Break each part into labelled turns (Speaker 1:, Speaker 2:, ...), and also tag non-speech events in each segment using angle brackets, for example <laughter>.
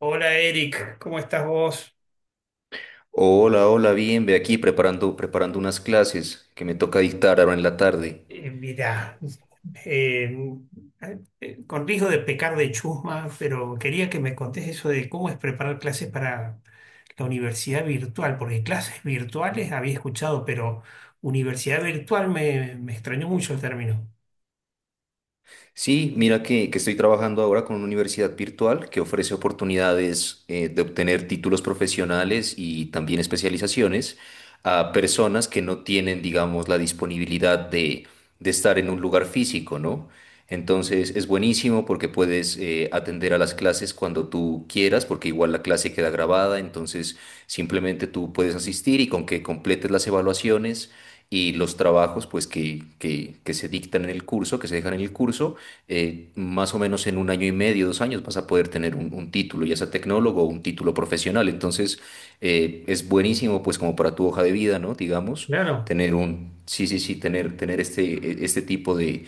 Speaker 1: Hola Eric, ¿cómo estás vos?
Speaker 2: Hola, hola, bien, ve aquí preparando, preparando unas clases que me toca dictar ahora en la tarde.
Speaker 1: Mirá, eh, con riesgo de pecar de chusma, pero quería que me contés eso de cómo es preparar clases para la universidad virtual, porque clases virtuales había escuchado, pero universidad virtual me extrañó mucho el término.
Speaker 2: Sí, mira que estoy trabajando ahora con una universidad virtual que ofrece oportunidades de obtener títulos profesionales y también especializaciones a personas que no tienen, digamos, la disponibilidad de estar en un lugar físico, ¿no? Entonces es buenísimo porque puedes atender a las clases cuando tú quieras, porque igual la clase queda grabada, entonces simplemente tú puedes asistir y con que completes las evaluaciones y los trabajos pues que se dictan en el curso, que se dejan en el curso, más o menos en un año y medio, dos años, vas a poder tener un título, ya sea tecnólogo o un título profesional. Entonces, es buenísimo, pues, como para tu hoja de vida, ¿no? Digamos,
Speaker 1: Claro.
Speaker 2: tener un, sí, sí, sí, tener, tener este, este tipo de,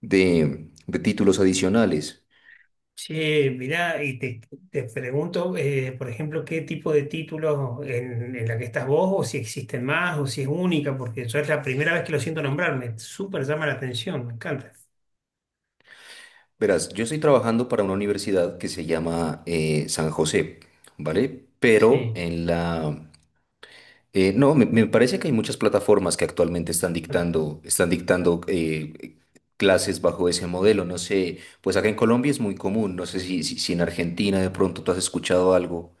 Speaker 2: de títulos adicionales.
Speaker 1: Sí, mirá, y te pregunto, por ejemplo, qué tipo de títulos en la que estás vos, o si existen más, o si es única, porque yo es la primera vez que lo siento nombrar, me súper llama la atención, me encanta.
Speaker 2: Verás, yo estoy trabajando para una universidad que se llama San José, ¿vale? Pero
Speaker 1: Sí.
Speaker 2: en la. No, me parece que hay muchas plataformas que actualmente están dictando clases bajo ese modelo. No sé, pues acá en Colombia es muy común. No sé si en Argentina de pronto tú has escuchado algo.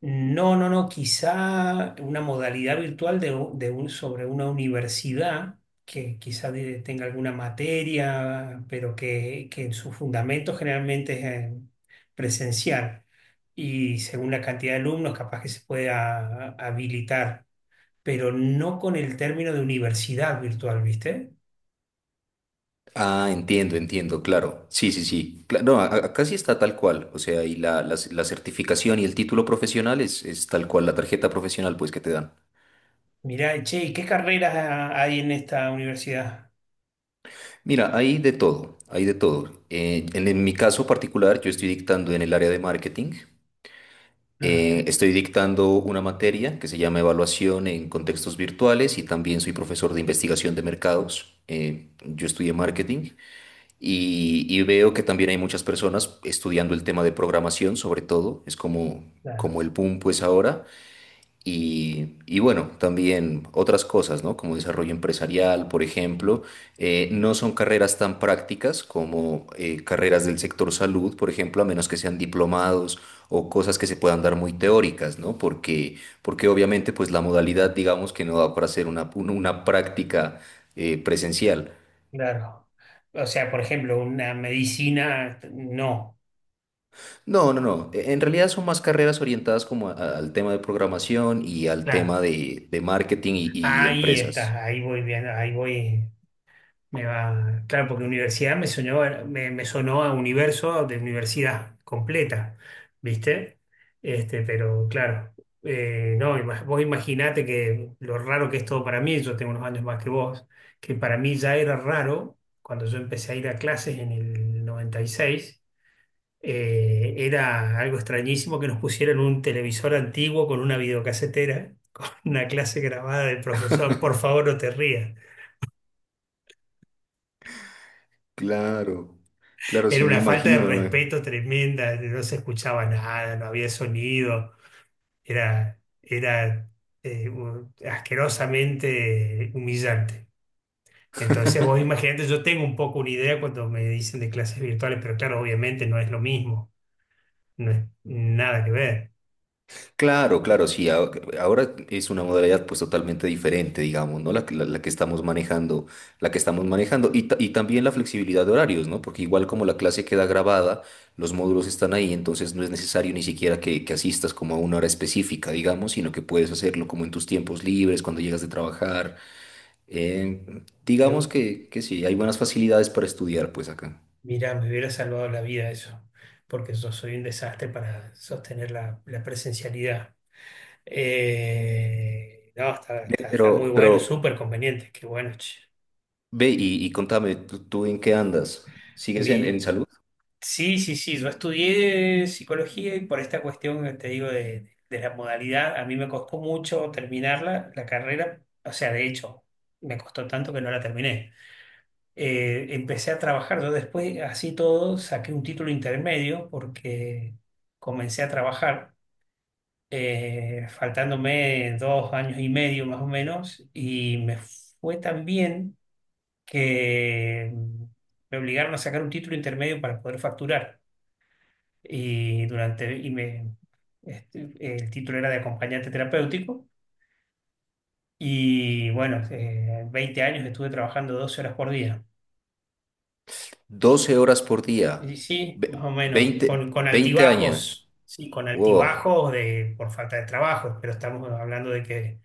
Speaker 1: No, no, no, quizá una modalidad virtual de un, sobre una universidad que quizá tenga alguna materia, pero que en su fundamento generalmente es eh, presencial. Y según la cantidad de alumnos, capaz que se pueda habilitar, pero no con el término de universidad virtual, ¿viste?
Speaker 2: Ah, entiendo, entiendo, claro. Sí, sí, sí. Cla- No, acá sí está tal cual. O sea, y la certificación y el título profesional es tal cual, la tarjeta profesional pues que te dan.
Speaker 1: Mirá, che, ¿y qué carreras hay en esta universidad?
Speaker 2: Mira, hay de todo, hay de todo. En mi caso particular, yo estoy dictando en el área de marketing.
Speaker 1: Ajá,
Speaker 2: Estoy dictando una materia que se llama Evaluación en contextos virtuales y también soy profesor de investigación de mercados. Yo estudié marketing y veo que también hay muchas personas estudiando el tema de programación, sobre todo. Es como, como
Speaker 1: claro,
Speaker 2: el boom pues ahora. Y bueno, también otras cosas, ¿no? Como desarrollo empresarial, por ejemplo, no son carreras tan prácticas como carreras del sector salud, por ejemplo, a menos que sean diplomados o cosas que se puedan dar muy teóricas, ¿no? Porque, porque obviamente, pues la modalidad, digamos que no da para hacer una, una práctica presencial.
Speaker 1: claro. O sea, por ejemplo, una medicina, no.
Speaker 2: No, no, no. En realidad son más carreras orientadas como al tema de programación y al tema
Speaker 1: Claro,
Speaker 2: de marketing y
Speaker 1: ahí estás,
Speaker 2: empresas.
Speaker 1: ahí voy viendo, ahí voy, me va, claro, porque universidad me sonó, me sonó a universo de universidad completa, ¿viste? Este, pero claro, no, vos imaginate que lo raro que es todo para mí. Yo tengo unos años más que vos, que para mí ya era raro cuando yo empecé a ir a clases en el noventa y seis. Era algo extrañísimo que nos pusieran un televisor antiguo con una videocasetera, <laughs> con una clase grabada del profesor. Por favor, no te rías.
Speaker 2: Claro, claro,
Speaker 1: Era
Speaker 2: sí me
Speaker 1: una falta de
Speaker 2: imagino.
Speaker 1: respeto tremenda, no se escuchaba nada, no había sonido. Era asquerosamente humillante. Entonces vos imaginate, yo tengo un poco una idea cuando me dicen de clases virtuales, pero claro, obviamente no es lo mismo, no es nada que ver.
Speaker 2: Claro, claro, sí. Ahora es una modalidad pues totalmente diferente, digamos, ¿no? La, que la que estamos manejando, la que estamos manejando y, y también la flexibilidad de horarios, ¿no? Porque igual como la clase queda grabada, los módulos están ahí, entonces no es necesario ni siquiera que asistas como a una hora específica, digamos, sino que puedes hacerlo como en tus tiempos libres, cuando llegas de trabajar. Digamos que sí, hay buenas facilidades para estudiar pues acá.
Speaker 1: Mira, me hubiera salvado la vida eso, porque yo soy un desastre para sostener la presencialidad. No, está muy
Speaker 2: Pero
Speaker 1: bueno, súper conveniente, qué bueno, che.
Speaker 2: ve y contame, ¿tú en qué andas? ¿Sigues
Speaker 1: Mi,
Speaker 2: en salud?
Speaker 1: sí, sí, sí, yo estudié psicología y por esta cuestión que te digo de la modalidad, a mí me costó mucho terminarla, la carrera, o sea, de hecho, me costó tanto que no la terminé. Empecé a trabajar. Yo después, así todo, saqué un título intermedio porque comencé a trabajar, faltándome 2 años y medio más o menos, y me fue tan bien que me obligaron a sacar un título intermedio para poder facturar. Y durante, y me, este, El título era de acompañante terapéutico. Y bueno, 20 años estuve trabajando 12 horas por día.
Speaker 2: 12 horas por día,
Speaker 1: Y sí, más
Speaker 2: ve-
Speaker 1: o menos,
Speaker 2: 20,
Speaker 1: con
Speaker 2: 20 años.
Speaker 1: altibajos, sí, con
Speaker 2: Wow,
Speaker 1: altibajos por falta de trabajo, pero estamos hablando de que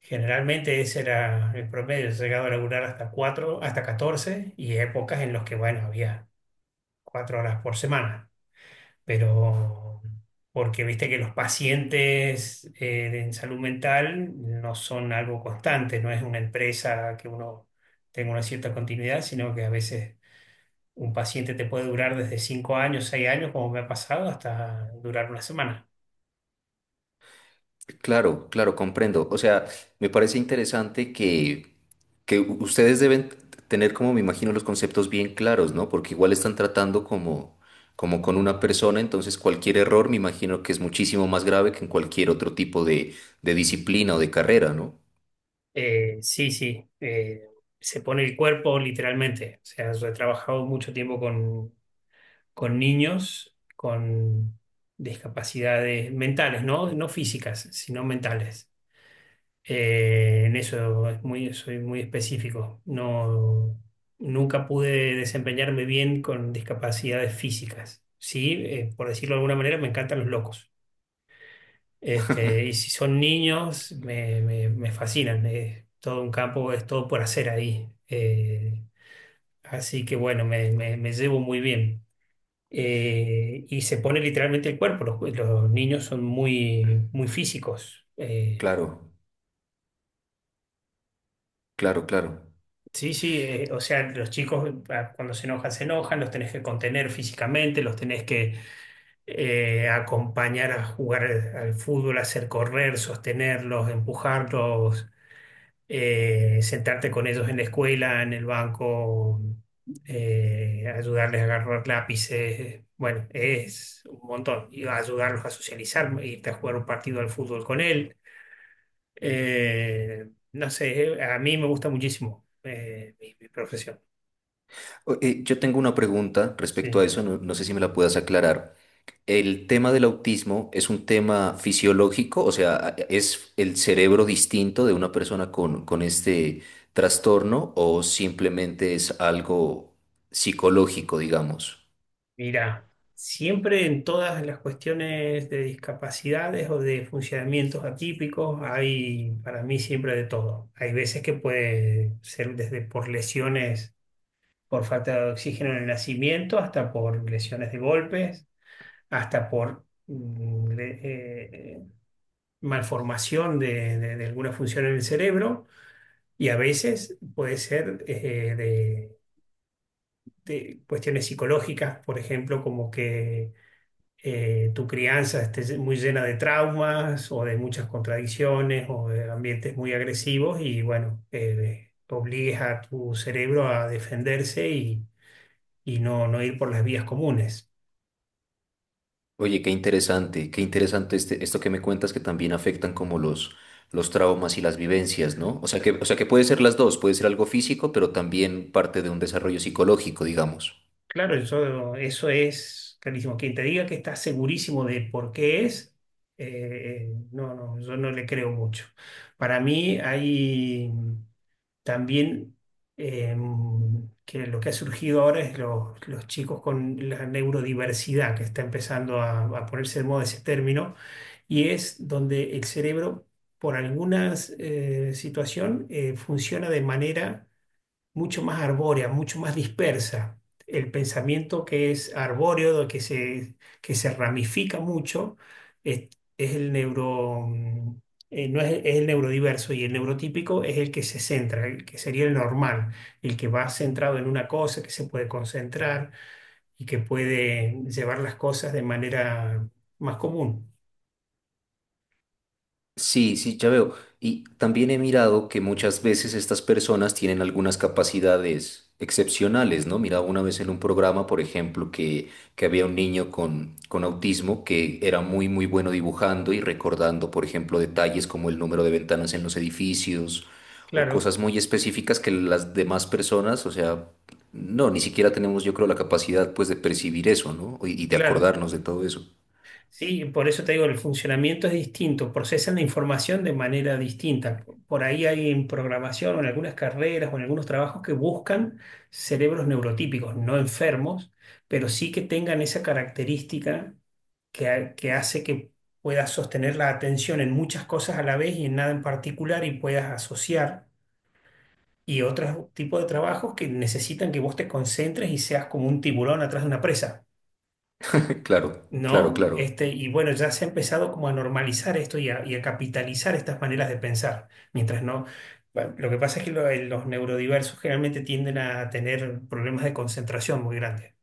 Speaker 1: generalmente ese era el promedio. He llegado a laburar hasta 4 hasta 14, y épocas en las que, bueno, había 4 horas por semana, pero porque viste que los pacientes en salud mental no son algo constante, no es una empresa que uno tenga una cierta continuidad, sino que a veces un paciente te puede durar desde 5 años, 6 años, como me ha pasado, hasta durar una semana.
Speaker 2: claro, claro, comprendo. O sea, me parece interesante que ustedes deben tener, como me imagino, los conceptos bien claros, ¿no? Porque igual están tratando como, como con una persona, entonces cualquier error me imagino que es muchísimo más grave que en cualquier otro tipo de disciplina o de carrera, ¿no?
Speaker 1: Sí, sí, se pone el cuerpo literalmente. O sea, yo he trabajado mucho tiempo con niños con discapacidades mentales, ¿no? No físicas, sino mentales. En eso soy muy específico. No, nunca pude desempeñarme bien con discapacidades físicas. Sí, por decirlo de alguna manera, me encantan los locos. Y si son niños, me fascinan. Es todo un campo, es todo por hacer ahí. Así que bueno, me llevo muy bien. Y se pone literalmente el cuerpo. Los niños son muy, muy físicos.
Speaker 2: Claro, claro, claro.
Speaker 1: Sí, sí, o sea, los chicos cuando se enojan, los tenés que contener físicamente, los tenés que acompañar a jugar al fútbol, hacer correr, sostenerlos, empujarlos, sentarte con ellos en la escuela, en el banco, ayudarles a agarrar lápices, bueno, es un montón. Y ayudarlos a socializar, irte a jugar un partido al fútbol con él. No sé, a mí me gusta muchísimo mi profesión.
Speaker 2: Yo tengo una pregunta respecto a
Speaker 1: Sí.
Speaker 2: eso, no, no sé si me la puedas aclarar. ¿El tema del autismo es un tema fisiológico? O sea, ¿es el cerebro distinto de una persona con este trastorno o simplemente es algo psicológico, digamos?
Speaker 1: Mira, siempre en todas las cuestiones de discapacidades o de funcionamientos atípicos hay para mí siempre de todo. Hay veces que puede ser desde por lesiones por falta de oxígeno en el nacimiento, hasta por lesiones de golpes, hasta por malformación de alguna función en el cerebro, y a veces puede ser de cuestiones psicológicas, por ejemplo, como que tu crianza esté muy llena de traumas o de muchas contradicciones o de ambientes muy agresivos, y bueno, obligues a tu cerebro a defenderse y no, no ir por las vías comunes.
Speaker 2: Oye, qué interesante este, esto que me cuentas que también afectan como los traumas y las vivencias, ¿no? O sea que puede ser las dos, puede ser algo físico, pero también parte de un desarrollo psicológico, digamos.
Speaker 1: Claro, eso es clarísimo. Quien te diga que está segurísimo de por qué es, no, no, yo no le creo mucho. Para mí hay también eh, que lo que ha surgido ahora es los chicos con la neurodiversidad, que está empezando a ponerse de moda ese término, y es donde el cerebro, por alguna situación, funciona de manera mucho más arbórea, mucho más dispersa. El pensamiento que es arbóreo, que se ramifica mucho, es, es el neuro, mm, no es, es el neurodiverso, y el neurotípico es el que se centra, el que sería el normal, el que va centrado en una cosa, que se puede concentrar y que puede llevar las cosas de manera más común.
Speaker 2: Sí, sí, ya veo. Y también he mirado que muchas veces estas personas tienen algunas capacidades excepcionales, ¿no? Miraba una vez en un programa, por ejemplo, que había un niño con autismo que era muy, muy bueno dibujando y recordando, por ejemplo, detalles como el número de ventanas en los edificios o
Speaker 1: Claro,
Speaker 2: cosas muy específicas que las demás personas, o sea, no, ni siquiera tenemos, yo creo, la capacidad, pues, de percibir eso, ¿no? Y y de
Speaker 1: claro.
Speaker 2: acordarnos de todo eso.
Speaker 1: Sí, por eso te digo, el funcionamiento es distinto, procesan la información de manera distinta. Por ahí hay en programación o en algunas carreras o en algunos trabajos que buscan cerebros neurotípicos, no enfermos, pero sí que tengan esa característica que hace que puedas sostener la atención en muchas cosas a la vez y en nada en particular, y puedas asociar. Y otros tipos de trabajos que necesitan que vos te concentres y seas como un tiburón atrás de una presa.
Speaker 2: <laughs> Claro, claro,
Speaker 1: ¿No?
Speaker 2: claro.
Speaker 1: Y bueno, ya se ha empezado como a normalizar esto y y a capitalizar estas maneras de pensar, mientras no. Bueno, lo que pasa es que los neurodiversos generalmente tienden a tener problemas de concentración muy grandes.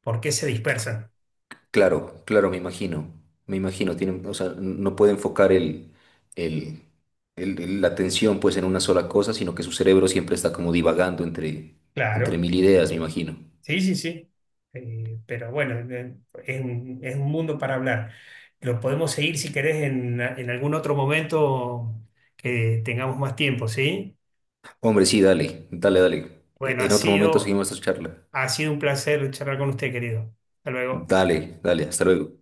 Speaker 1: ¿Porque se dispersan?
Speaker 2: Claro, claro, me imagino, tienen, o sea, no puede enfocar el, la atención pues en una sola cosa, sino que su cerebro siempre está como divagando entre, entre
Speaker 1: Claro,
Speaker 2: mil ideas, me imagino.
Speaker 1: sí, sí, sí. Pero bueno, es un mundo para hablar. Lo podemos seguir si querés en algún otro momento que tengamos más tiempo, ¿sí?
Speaker 2: Hombre, sí, dale, dale, dale.
Speaker 1: Bueno, ha
Speaker 2: En otro momento
Speaker 1: sido,
Speaker 2: seguimos esta charla.
Speaker 1: Ha sido un placer charlar con usted, querido. Hasta luego.
Speaker 2: Dale, dale, hasta luego.